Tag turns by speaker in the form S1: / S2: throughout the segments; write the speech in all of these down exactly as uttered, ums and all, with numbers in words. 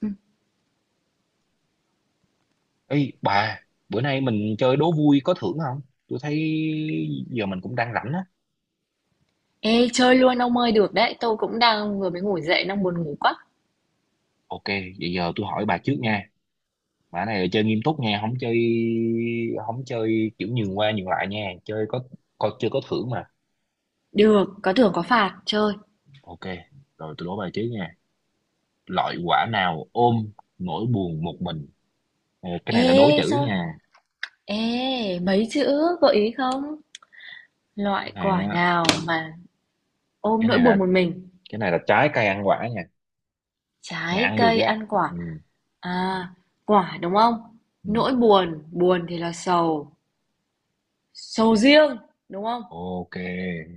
S1: Ừ.
S2: Ê bà, bữa nay mình chơi đố vui có thưởng không? Tôi thấy giờ mình cũng đang rảnh á.
S1: Ê, chơi luôn ông ơi, được đấy. Tôi cũng đang vừa mới ngủ dậy. Đang buồn ngủ quá.
S2: Ok, vậy giờ tôi hỏi bà trước nha. Bà này là chơi nghiêm túc nha, không chơi không chơi kiểu nhường qua nhường lại nha, chơi có có chơi có thưởng mà.
S1: Được, có thưởng có phạt chơi.
S2: Ok, rồi tôi đố bà trước nha. Loại quả nào ôm nỗi buồn một mình? Ờ, Cái này là đố
S1: Ê
S2: chữ
S1: sao
S2: nha.
S1: Ê mấy chữ gợi ý không?
S2: Cái
S1: Loại
S2: này
S1: quả
S2: á,
S1: nào mà ôm
S2: cái
S1: nỗi
S2: này là
S1: buồn một mình?
S2: cái này là trái cây ăn quả nha. Này
S1: Trái
S2: ăn được
S1: cây
S2: á.
S1: ăn quả?
S2: Ừ,
S1: À, quả đúng không?
S2: ừ.
S1: Nỗi buồn. Buồn thì là sầu. Sầu riêng đúng không?
S2: Ok,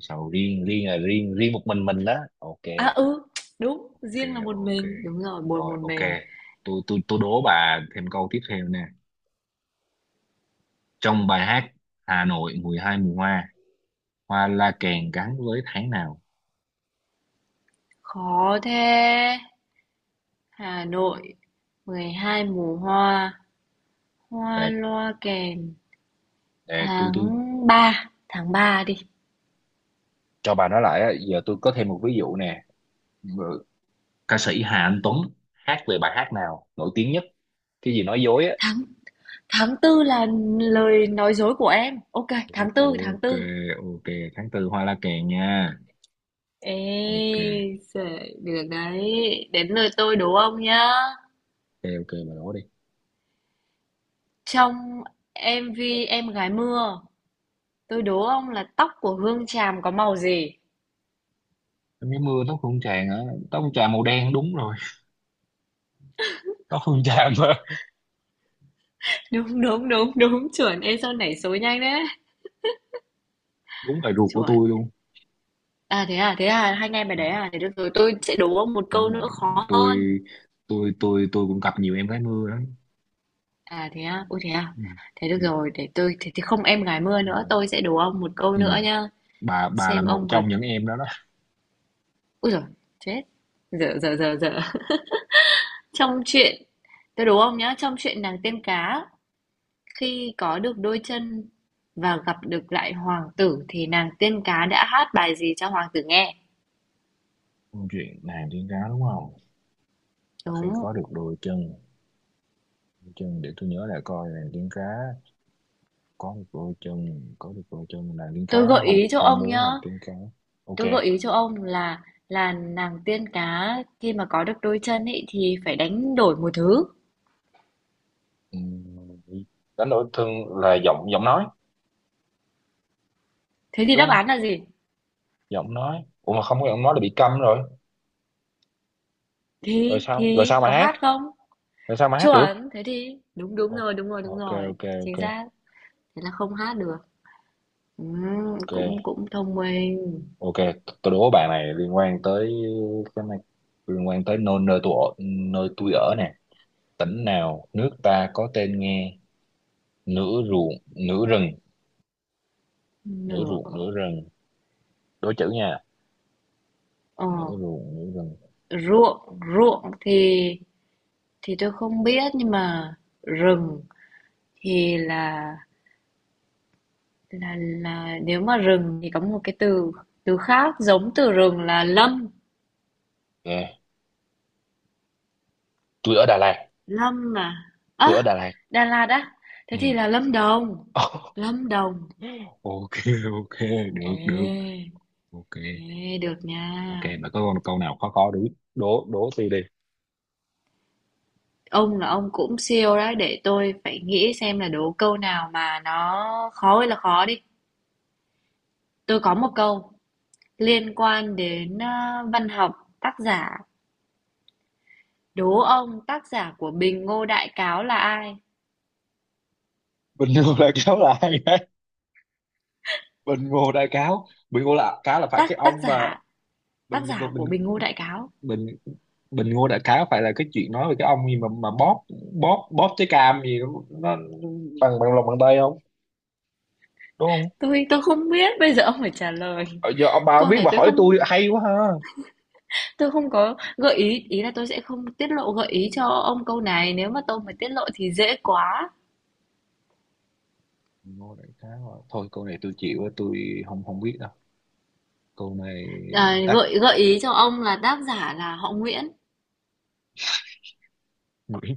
S2: sầu riêng, riêng là riêng, riêng một mình mình đó. Ok,
S1: À ừ, đúng.
S2: ok
S1: Riêng là một
S2: ok,
S1: mình. Đúng rồi, buồn
S2: rồi
S1: một
S2: ok.
S1: mình.
S2: Tôi tôi tôi đố bà thêm câu tiếp theo nè. Trong bài hát Hà Nội mười hai mùa hoa, hoa la kèn gắn với tháng nào?
S1: Khó thế. Hà Nội mười hai mùa hoa. Hoa
S2: để,
S1: loa kèn,
S2: để tôi
S1: tháng
S2: tôi
S1: ba tháng ba đi.
S2: cho bà nói lại á. Giờ tôi có thêm một ví dụ nè. Rồi, ca sĩ Hà Anh Tuấn hát về bài hát nào nổi tiếng nhất, cái gì nói dối á?
S1: Tháng tháng tư là lời nói dối của em. Ok,
S2: O-
S1: tháng tư, tháng
S2: ok,
S1: tư.
S2: ok, tháng tư hoa la kèn nha.
S1: Ê,
S2: Ok,
S1: giời, được đấy. Đến lượt tôi đố ông nhá.
S2: ok, ok, bà đố đi.
S1: Trong em vi Em gái mưa, tôi đố ông là tóc của Hương Tràm có màu gì?
S2: Em cái mưa tóc hương tràn hả? Tóc hương trà màu đen đúng rồi. Tóc hương trà mà,
S1: Đúng, đúng, đúng, đúng, chuẩn. Ê, sao nảy số nhanh đấy.
S2: đúng bài ruột của
S1: Chuẩn.
S2: tôi luôn.
S1: À thế à, thế à, hai anh em bài đấy à, thế được rồi, tôi sẽ đố ông một
S2: Đúng
S1: câu
S2: rồi,
S1: nữa khó hơn.
S2: tôi tôi tôi tôi cũng gặp nhiều em gái mưa lắm.
S1: À thế á, ôi thế à.
S2: Ừ.
S1: Thế được
S2: Ừ.
S1: rồi, để tôi thế thì không em gái mưa
S2: Ừ.
S1: nữa, tôi sẽ đố ông một câu
S2: Ừ.
S1: nữa nhá.
S2: bà bà là
S1: Xem
S2: một
S1: ông có
S2: trong những em đó đó.
S1: Úi, rồi chết. Dở dở dở dở. Trong chuyện Tôi đố ông nhá, trong chuyện nàng tiên cá khi có được đôi chân và gặp được lại hoàng tử thì nàng tiên cá đã hát bài gì cho hoàng tử nghe?
S2: Câu chuyện nàng tiên cá đúng không? Và khi
S1: Đúng.
S2: có được đôi chân, đôi chân, để tôi nhớ lại coi. Nàng tiên cá có được đôi chân, có được đôi chân, nàng tiên cá
S1: Tôi gợi ý
S2: không
S1: cho
S2: không
S1: ông nhá.
S2: muốn, nàng tiên cá, ok.
S1: Tôi gợi ý cho ông là là nàng tiên cá khi mà có được đôi chân ấy thì phải đánh đổi một thứ.
S2: Ừ, đánh đổi thương là giọng giọng nói
S1: Thế thì
S2: đúng
S1: đáp
S2: không?
S1: án là gì?
S2: Giọng nói, ủa mà không có giọng nói là bị câm rồi, rồi
S1: Thì
S2: sao rồi
S1: thì
S2: sao mà
S1: có
S2: hát,
S1: hát không?
S2: rồi sao mà hát được.
S1: Chuẩn, thế thì đúng đúng
S2: Ồ,
S1: rồi, đúng rồi, đúng
S2: ok,
S1: rồi.
S2: ok,
S1: Chính
S2: ok,
S1: xác. Thế là không hát được. Ừm,
S2: ok.
S1: cũng cũng thông minh.
S2: Ok, t- tôi đố bạn này liên quan tới cái này, liên quan tới nơi nơi tôi ở, nơi tôi ở nè. Tỉnh nào nước ta có tên nghe nửa ruộng nửa rừng, nửa
S1: Nửa,
S2: ruộng nửa rừng, đố chữ nha,
S1: ờ
S2: nửa ruộng nửa rừng.
S1: ruộng, ruộng thì thì tôi không biết, nhưng mà rừng thì là là là nếu mà rừng thì có một cái từ từ khác, giống từ rừng là lâm.
S2: Ok, tôi ở Đà Lạt
S1: Lâm mà.
S2: tôi ở
S1: À,
S2: Đà Lạt
S1: Đà Lạt á. Thế thì
S2: Ừ.
S1: là Lâm Đồng. Lâm Đồng.
S2: Ok, ok, được được,
S1: Ê.
S2: ok,
S1: Ê, được nha.
S2: ok. Mà có con câu nào khó, khó đố đố đố tôi đi.
S1: Ông là ông cũng siêu đấy, để tôi phải nghĩ xem là đố câu nào mà nó khó hay là khó đi. Tôi có một câu liên quan đến ờ, văn học, tác giả. Đố ông tác giả của Bình Ngô Đại Cáo là ai?
S2: Bình Ngô Đại Cáo là ai đấy? Bình Ngô Đại Cáo, Bình Ngô là cá, là phải cái
S1: Tác tác
S2: ông mà,
S1: giả,
S2: bình
S1: tác
S2: ngô
S1: giả
S2: bình
S1: của Bình Ngô Đại Cáo.
S2: bình Bình Ngô Đại Khái phải là cái chuyện nói về cái ông gì mà mà bóp bóp bóp trái cam gì đó, nó nó bằng bằng lòng bàn tay không đúng không?
S1: Tôi tôi không biết, bây giờ ông phải trả lời.
S2: Ờ, giờ ông bà không
S1: Câu
S2: biết,
S1: này
S2: bà
S1: tôi
S2: hỏi
S1: không
S2: tôi hay quá ha.
S1: tôi không có gợi ý, ý là tôi sẽ không tiết lộ gợi ý cho ông câu này, nếu mà tôi mà tiết lộ thì dễ quá.
S2: Bình Ngô Đại Khái mà. Thôi câu này tôi chịu á, tôi không không biết đâu câu này.
S1: À,
S2: Tắt,
S1: gợi gợi ý cho ông là tác giả là họ Nguyễn.
S2: Nguyễn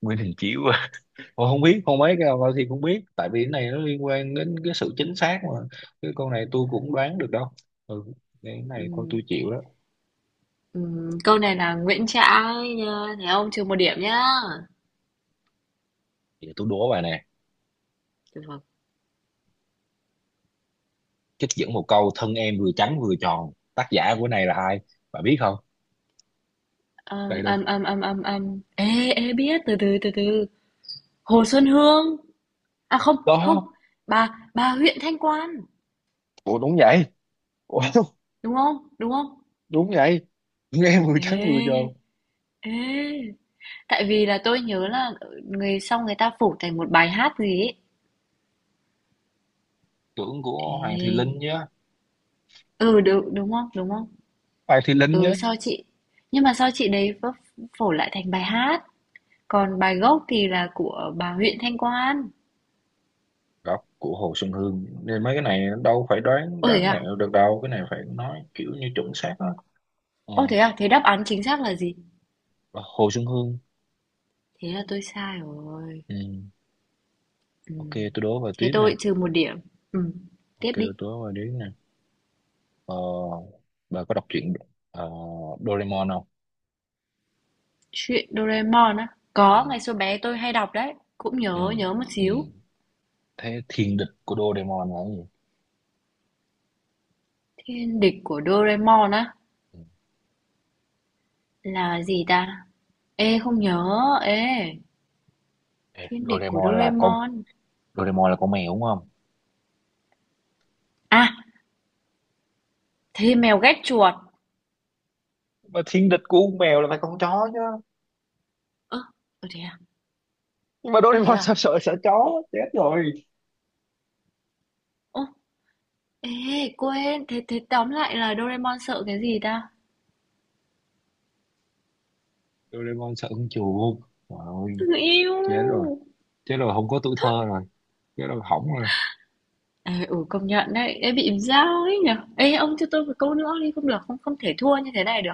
S2: Nguyễn Đình Chiểu à? Ôi, không biết không mấy cái nào thì không biết, tại vì cái này nó liên quan đến cái sự chính xác mà. Cái câu này tôi cũng đoán được đâu. Ừ, cái này thôi tôi
S1: Ừm,
S2: chịu đó.
S1: ừm, câu này là Nguyễn Trãi nha, thấy không? Trừ một điểm nhá.
S2: Giờ tôi đố bà nè,
S1: Được.
S2: trích dẫn một câu: thân em vừa trắng vừa tròn, tác giả của này là ai, bạn biết không?
S1: Âm
S2: Đây đúng
S1: âm âm âm âm âm. Ê ê biết, từ từ từ từ. Hồ Xuân Hương. À không, không.
S2: đó.
S1: Bà bà huyện Thanh Quan,
S2: Ủa đúng vậy? Ủa,
S1: đúng không? Đúng không?
S2: đúng vậy, nghe vừa trắng vừa tròn,
S1: Ê, ê. Tại vì là tôi nhớ là người, xong người ta phủ thành một bài hát gì ấy.
S2: tưởng của Hoàng Thùy Linh
S1: Ê.
S2: nhá,
S1: Ừ, đúng, đúng không? Đúng không?
S2: Hoàng Thùy Linh
S1: Ừ,
S2: nhá.
S1: sao chị? Nhưng mà sao chị đấy vấp phổ lại thành bài hát? Còn bài gốc thì là của bà huyện Thanh Quan.
S2: Góc của Hồ Xuân Hương nên mấy cái này đâu phải đoán
S1: Ô thế
S2: đoán
S1: à?
S2: mẹo được đâu, cái này phải nói kiểu như chuẩn xác á. Ờ,
S1: Ô thế à? Thế đáp án chính xác là gì?
S2: Hồ Xuân Hương.
S1: Thế là tôi sai rồi.
S2: Ừ.
S1: Ừ.
S2: Ok, tôi đố vào
S1: Thế
S2: tiếp
S1: tôi
S2: nè.
S1: trừ một điểm. Ừ.
S2: Ok,
S1: Tiếp đi.
S2: tôi đố vào tiếp nè. ờ bà có đọc truyện ờ, Doraemon không?
S1: Chuyện Doraemon á.
S2: Ừ.
S1: Có, ngày xưa bé tôi hay đọc đấy. Cũng
S2: Ừ.
S1: nhớ, nhớ một
S2: Ừ.
S1: xíu.
S2: Thế thiên địch của Doraemon là cái gì?
S1: Thiên địch của Doraemon á.
S2: Ừ.
S1: Là gì ta? Ê, không nhớ. Ê,
S2: Ê,
S1: thiên địch của
S2: Doraemon là con,
S1: Doraemon.
S2: Doraemon là con mèo đúng không,
S1: À, thế mèo ghét chuột.
S2: mà thiên địch của con mèo là phải con chó chứ,
S1: Ơ, ừ, thế à?
S2: nhưng mà
S1: Ơ, thế
S2: Doraemon sao
S1: à?
S2: sợ sợ chó chết rồi.
S1: Ô, ê, quên, thế thế tóm lại là Doraemon sợ cái gì ta?
S2: Doraemon sợ con chuột, trời ơi,
S1: Người yêu!
S2: chết rồi, chết rồi không có tuổi thơ rồi, chết rồi hỏng rồi.
S1: Ờ, ừ, công nhận đấy, em bị dao ấy nhở? Ê, ông cho tôi một câu nữa đi, không được, không không thể thua như thế này được.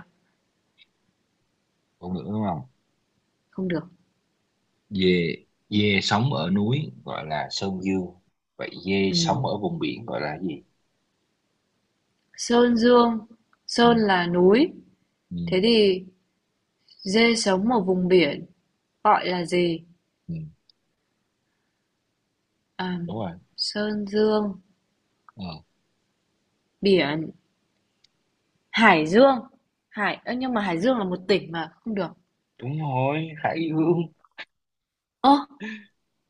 S2: Còn nữa đúng không?
S1: Không được.
S2: Dê, dê sống ở núi gọi là sơn dương, vậy dê
S1: Ừ.
S2: sống ở vùng biển gọi là gì?
S1: Sơn Dương,
S2: Ừ,
S1: Sơn là núi. Thế
S2: ừ,
S1: thì dê sống ở vùng biển, gọi là gì?
S2: ừ.
S1: À,
S2: Đúng rồi.
S1: Sơn Dương,
S2: Ờ,
S1: biển, Hải Dương. Hải, ơ, nhưng mà Hải Dương là một tỉnh mà, không được.
S2: đúng rồi hải dương,
S1: Ơ,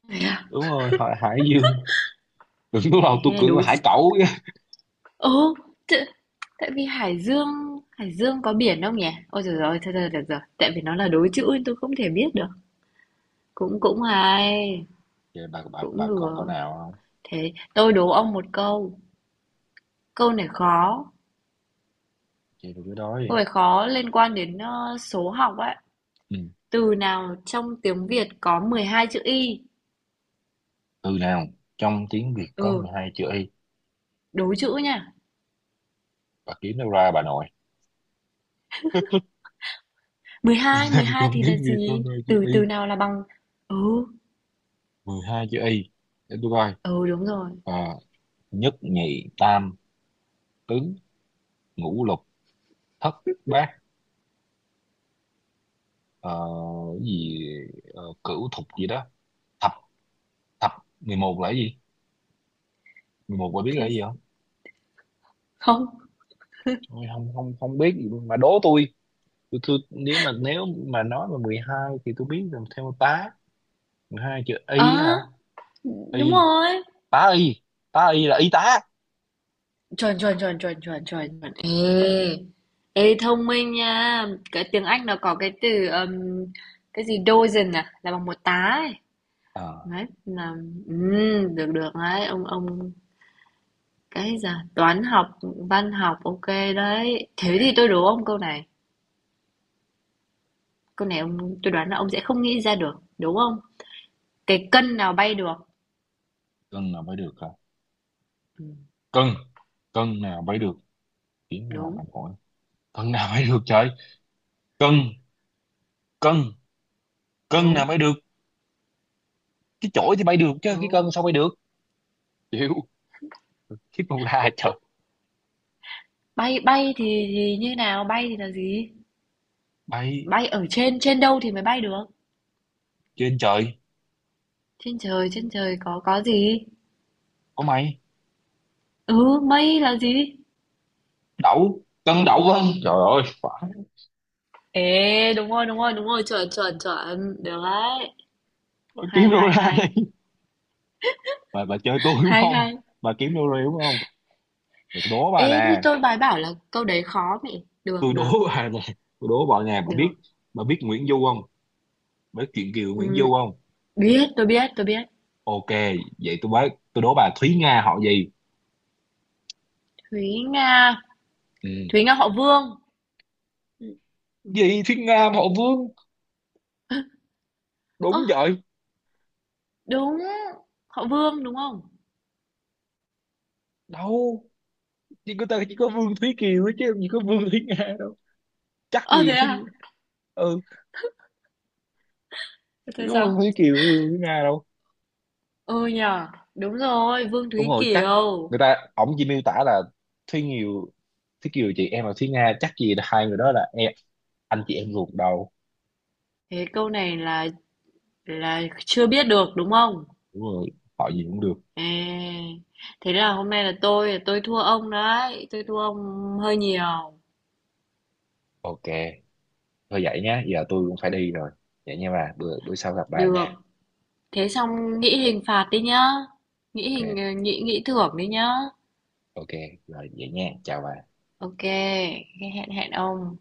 S1: thế à?
S2: đúng rồi hỏi hải dương, đừng có đâu tôi
S1: Thế là
S2: cưỡng là
S1: đối
S2: hải
S1: chứ.
S2: cẩu chứ.
S1: Ồ, t- tại vì Hải Dương, Hải Dương có biển không nhỉ? Ôi trời ơi, thôi thôi được rồi, tại vì nó là đối chữ nên tôi không thể biết được. Cũng cũng
S2: Ok,
S1: hay,
S2: vậy bà bà
S1: cũng
S2: bà còn câu
S1: được.
S2: nào không,
S1: Thế tôi đố ông một câu. Câu này khó,
S2: chơi tôi cứ đói.
S1: câu này khó liên quan đến ờ, số học ấy.
S2: Ừ.
S1: Từ nào trong tiếng Việt có mười hai chữ y?
S2: Từ nào trong tiếng Việt có mười
S1: Ừ,
S2: hai chữ y
S1: đố chữ nha.
S2: Bà kiếm đâu ra bà nội?
S1: mười hai mười
S2: Nào
S1: hai
S2: trong
S1: thì là
S2: tiếng Việt có
S1: gì?
S2: mười hai chữ
S1: Từ
S2: y?
S1: từ nào là bằng. Ừ,
S2: Mười hai chữ y, để tôi coi.
S1: ừ, đúng rồi.
S2: Ờ, nhất nhì tam tứ ngũ lục thất bát, ờ, cái gì, ờ, cửu thục gì đó, thập thập Mười một là cái gì, mười một bà biết là
S1: Thế-
S2: cái gì không?
S1: Không.
S2: Ôi, không không không biết gì luôn. Mà đố tôi, tôi, tôi nếu mà, nếu mà nói mà mười hai thì tôi biết, làm theo tá. Hai chữ y
S1: À,
S2: hả?
S1: đúng
S2: Y
S1: rồi.
S2: tá, y, tá y là y tá.
S1: Chuẩn, chuẩn, chuẩn, chuẩn, chuẩn, chuẩn, chuẩn. Ê, ê thông minh nha. Cái tiếng Anh nó có cái từ um, cái gì dozen à, là bằng một tá ấy.
S2: À,
S1: Đấy, là ừm, được được đấy, ông ông cái gì à? Toán học, văn học, ok đấy.
S2: ok.
S1: Thế thì tôi đố ông câu này. Câu này ông, tôi đoán là ông sẽ không nghĩ ra được, đúng không? Cái cân nào bay được?
S2: Cân nào mới được hả?
S1: Ừ,
S2: Cân, cân nào mới được, tiếng là
S1: đúng,
S2: bằng phổi, cân nào mới được trời, cân cân cân nào
S1: đúng,
S2: mới được. Cái chổi thì bay được chứ cái
S1: đúng.
S2: cân sao bay được, chịu, cái con la trời.
S1: Bay bay thì thì như nào? Bay thì là gì?
S2: Bay,
S1: Bay ở trên trên đâu thì mới bay được?
S2: trên trời
S1: Trên trời, trên trời có có gì?
S2: có mày,
S1: Ừ, mây là gì?
S2: đậu, cân đậu vân, trời ơi phải.
S1: Ê, đúng rồi, đúng rồi, đúng rồi, chuẩn, chuẩn, chuẩn, được đấy.
S2: Bà
S1: Hay,
S2: kiếm đâu
S1: hay,
S2: ra
S1: hay,
S2: đây? Bà, bà chơi tôi đúng
S1: hay,
S2: không,
S1: hay.
S2: bà kiếm đâu ra đúng không? Để tôi đố bà
S1: Ê, thì
S2: nè,
S1: tôi bài bảo là câu đấy khó mẹ. Được,
S2: tôi
S1: được,
S2: đố bà nè, tôi đố bà nè bà biết
S1: được.
S2: bà biết Nguyễn Du không, với chuyện Kiều Nguyễn
S1: Ừm,
S2: Du không?
S1: biết, tôi biết, tôi biết.
S2: Ok, vậy tôi bác, tôi đố bà Thúy Nga họ gì?
S1: Thúy Nga,
S2: Ừ.
S1: Thúy Nga họ Vương.
S2: Gì Thúy Nga mà họ Vương,
S1: Ơ,
S2: đúng vậy
S1: đúng, họ Vương đúng không?
S2: đâu, chỉ có ta chỉ có Vương Thúy Kiều thôi chứ làm gì có Vương Thúy Nga đâu, chắc
S1: Ờ,
S2: gì
S1: thế à?
S2: Thúy. Ừ, chỉ
S1: Thế
S2: có Vương
S1: sao?
S2: Thúy Kiều, Vương Thúy Nga đâu.
S1: Ừ nhờ, đúng rồi, Vương
S2: Đúng
S1: Thúy
S2: rồi, chắc
S1: Kiều.
S2: người ta ổng chỉ miêu tả là Thúy Kiều. Thúy Kiều chị em là Thúy Nga, chắc gì là hai người đó là em, anh chị em ruột đâu.
S1: Thế câu này là là chưa biết được đúng không?
S2: Đúng rồi, họ gì cũng được.
S1: À, thế là hôm nay là tôi tôi thua ông đấy, tôi thua ông hơi nhiều.
S2: Ok, thôi vậy nhá, giờ tôi cũng phải đi rồi. Vậy nha bà, bữa bữa sau gặp bà
S1: Được,
S2: nha.
S1: thế xong nghĩ hình phạt đi nhá. Nghĩ
S2: Ok,
S1: hình ờ, nghĩ nghĩ thưởng đi nhá.
S2: ok, rồi vậy nha, chào bà.
S1: Ok, hẹn hẹn ông.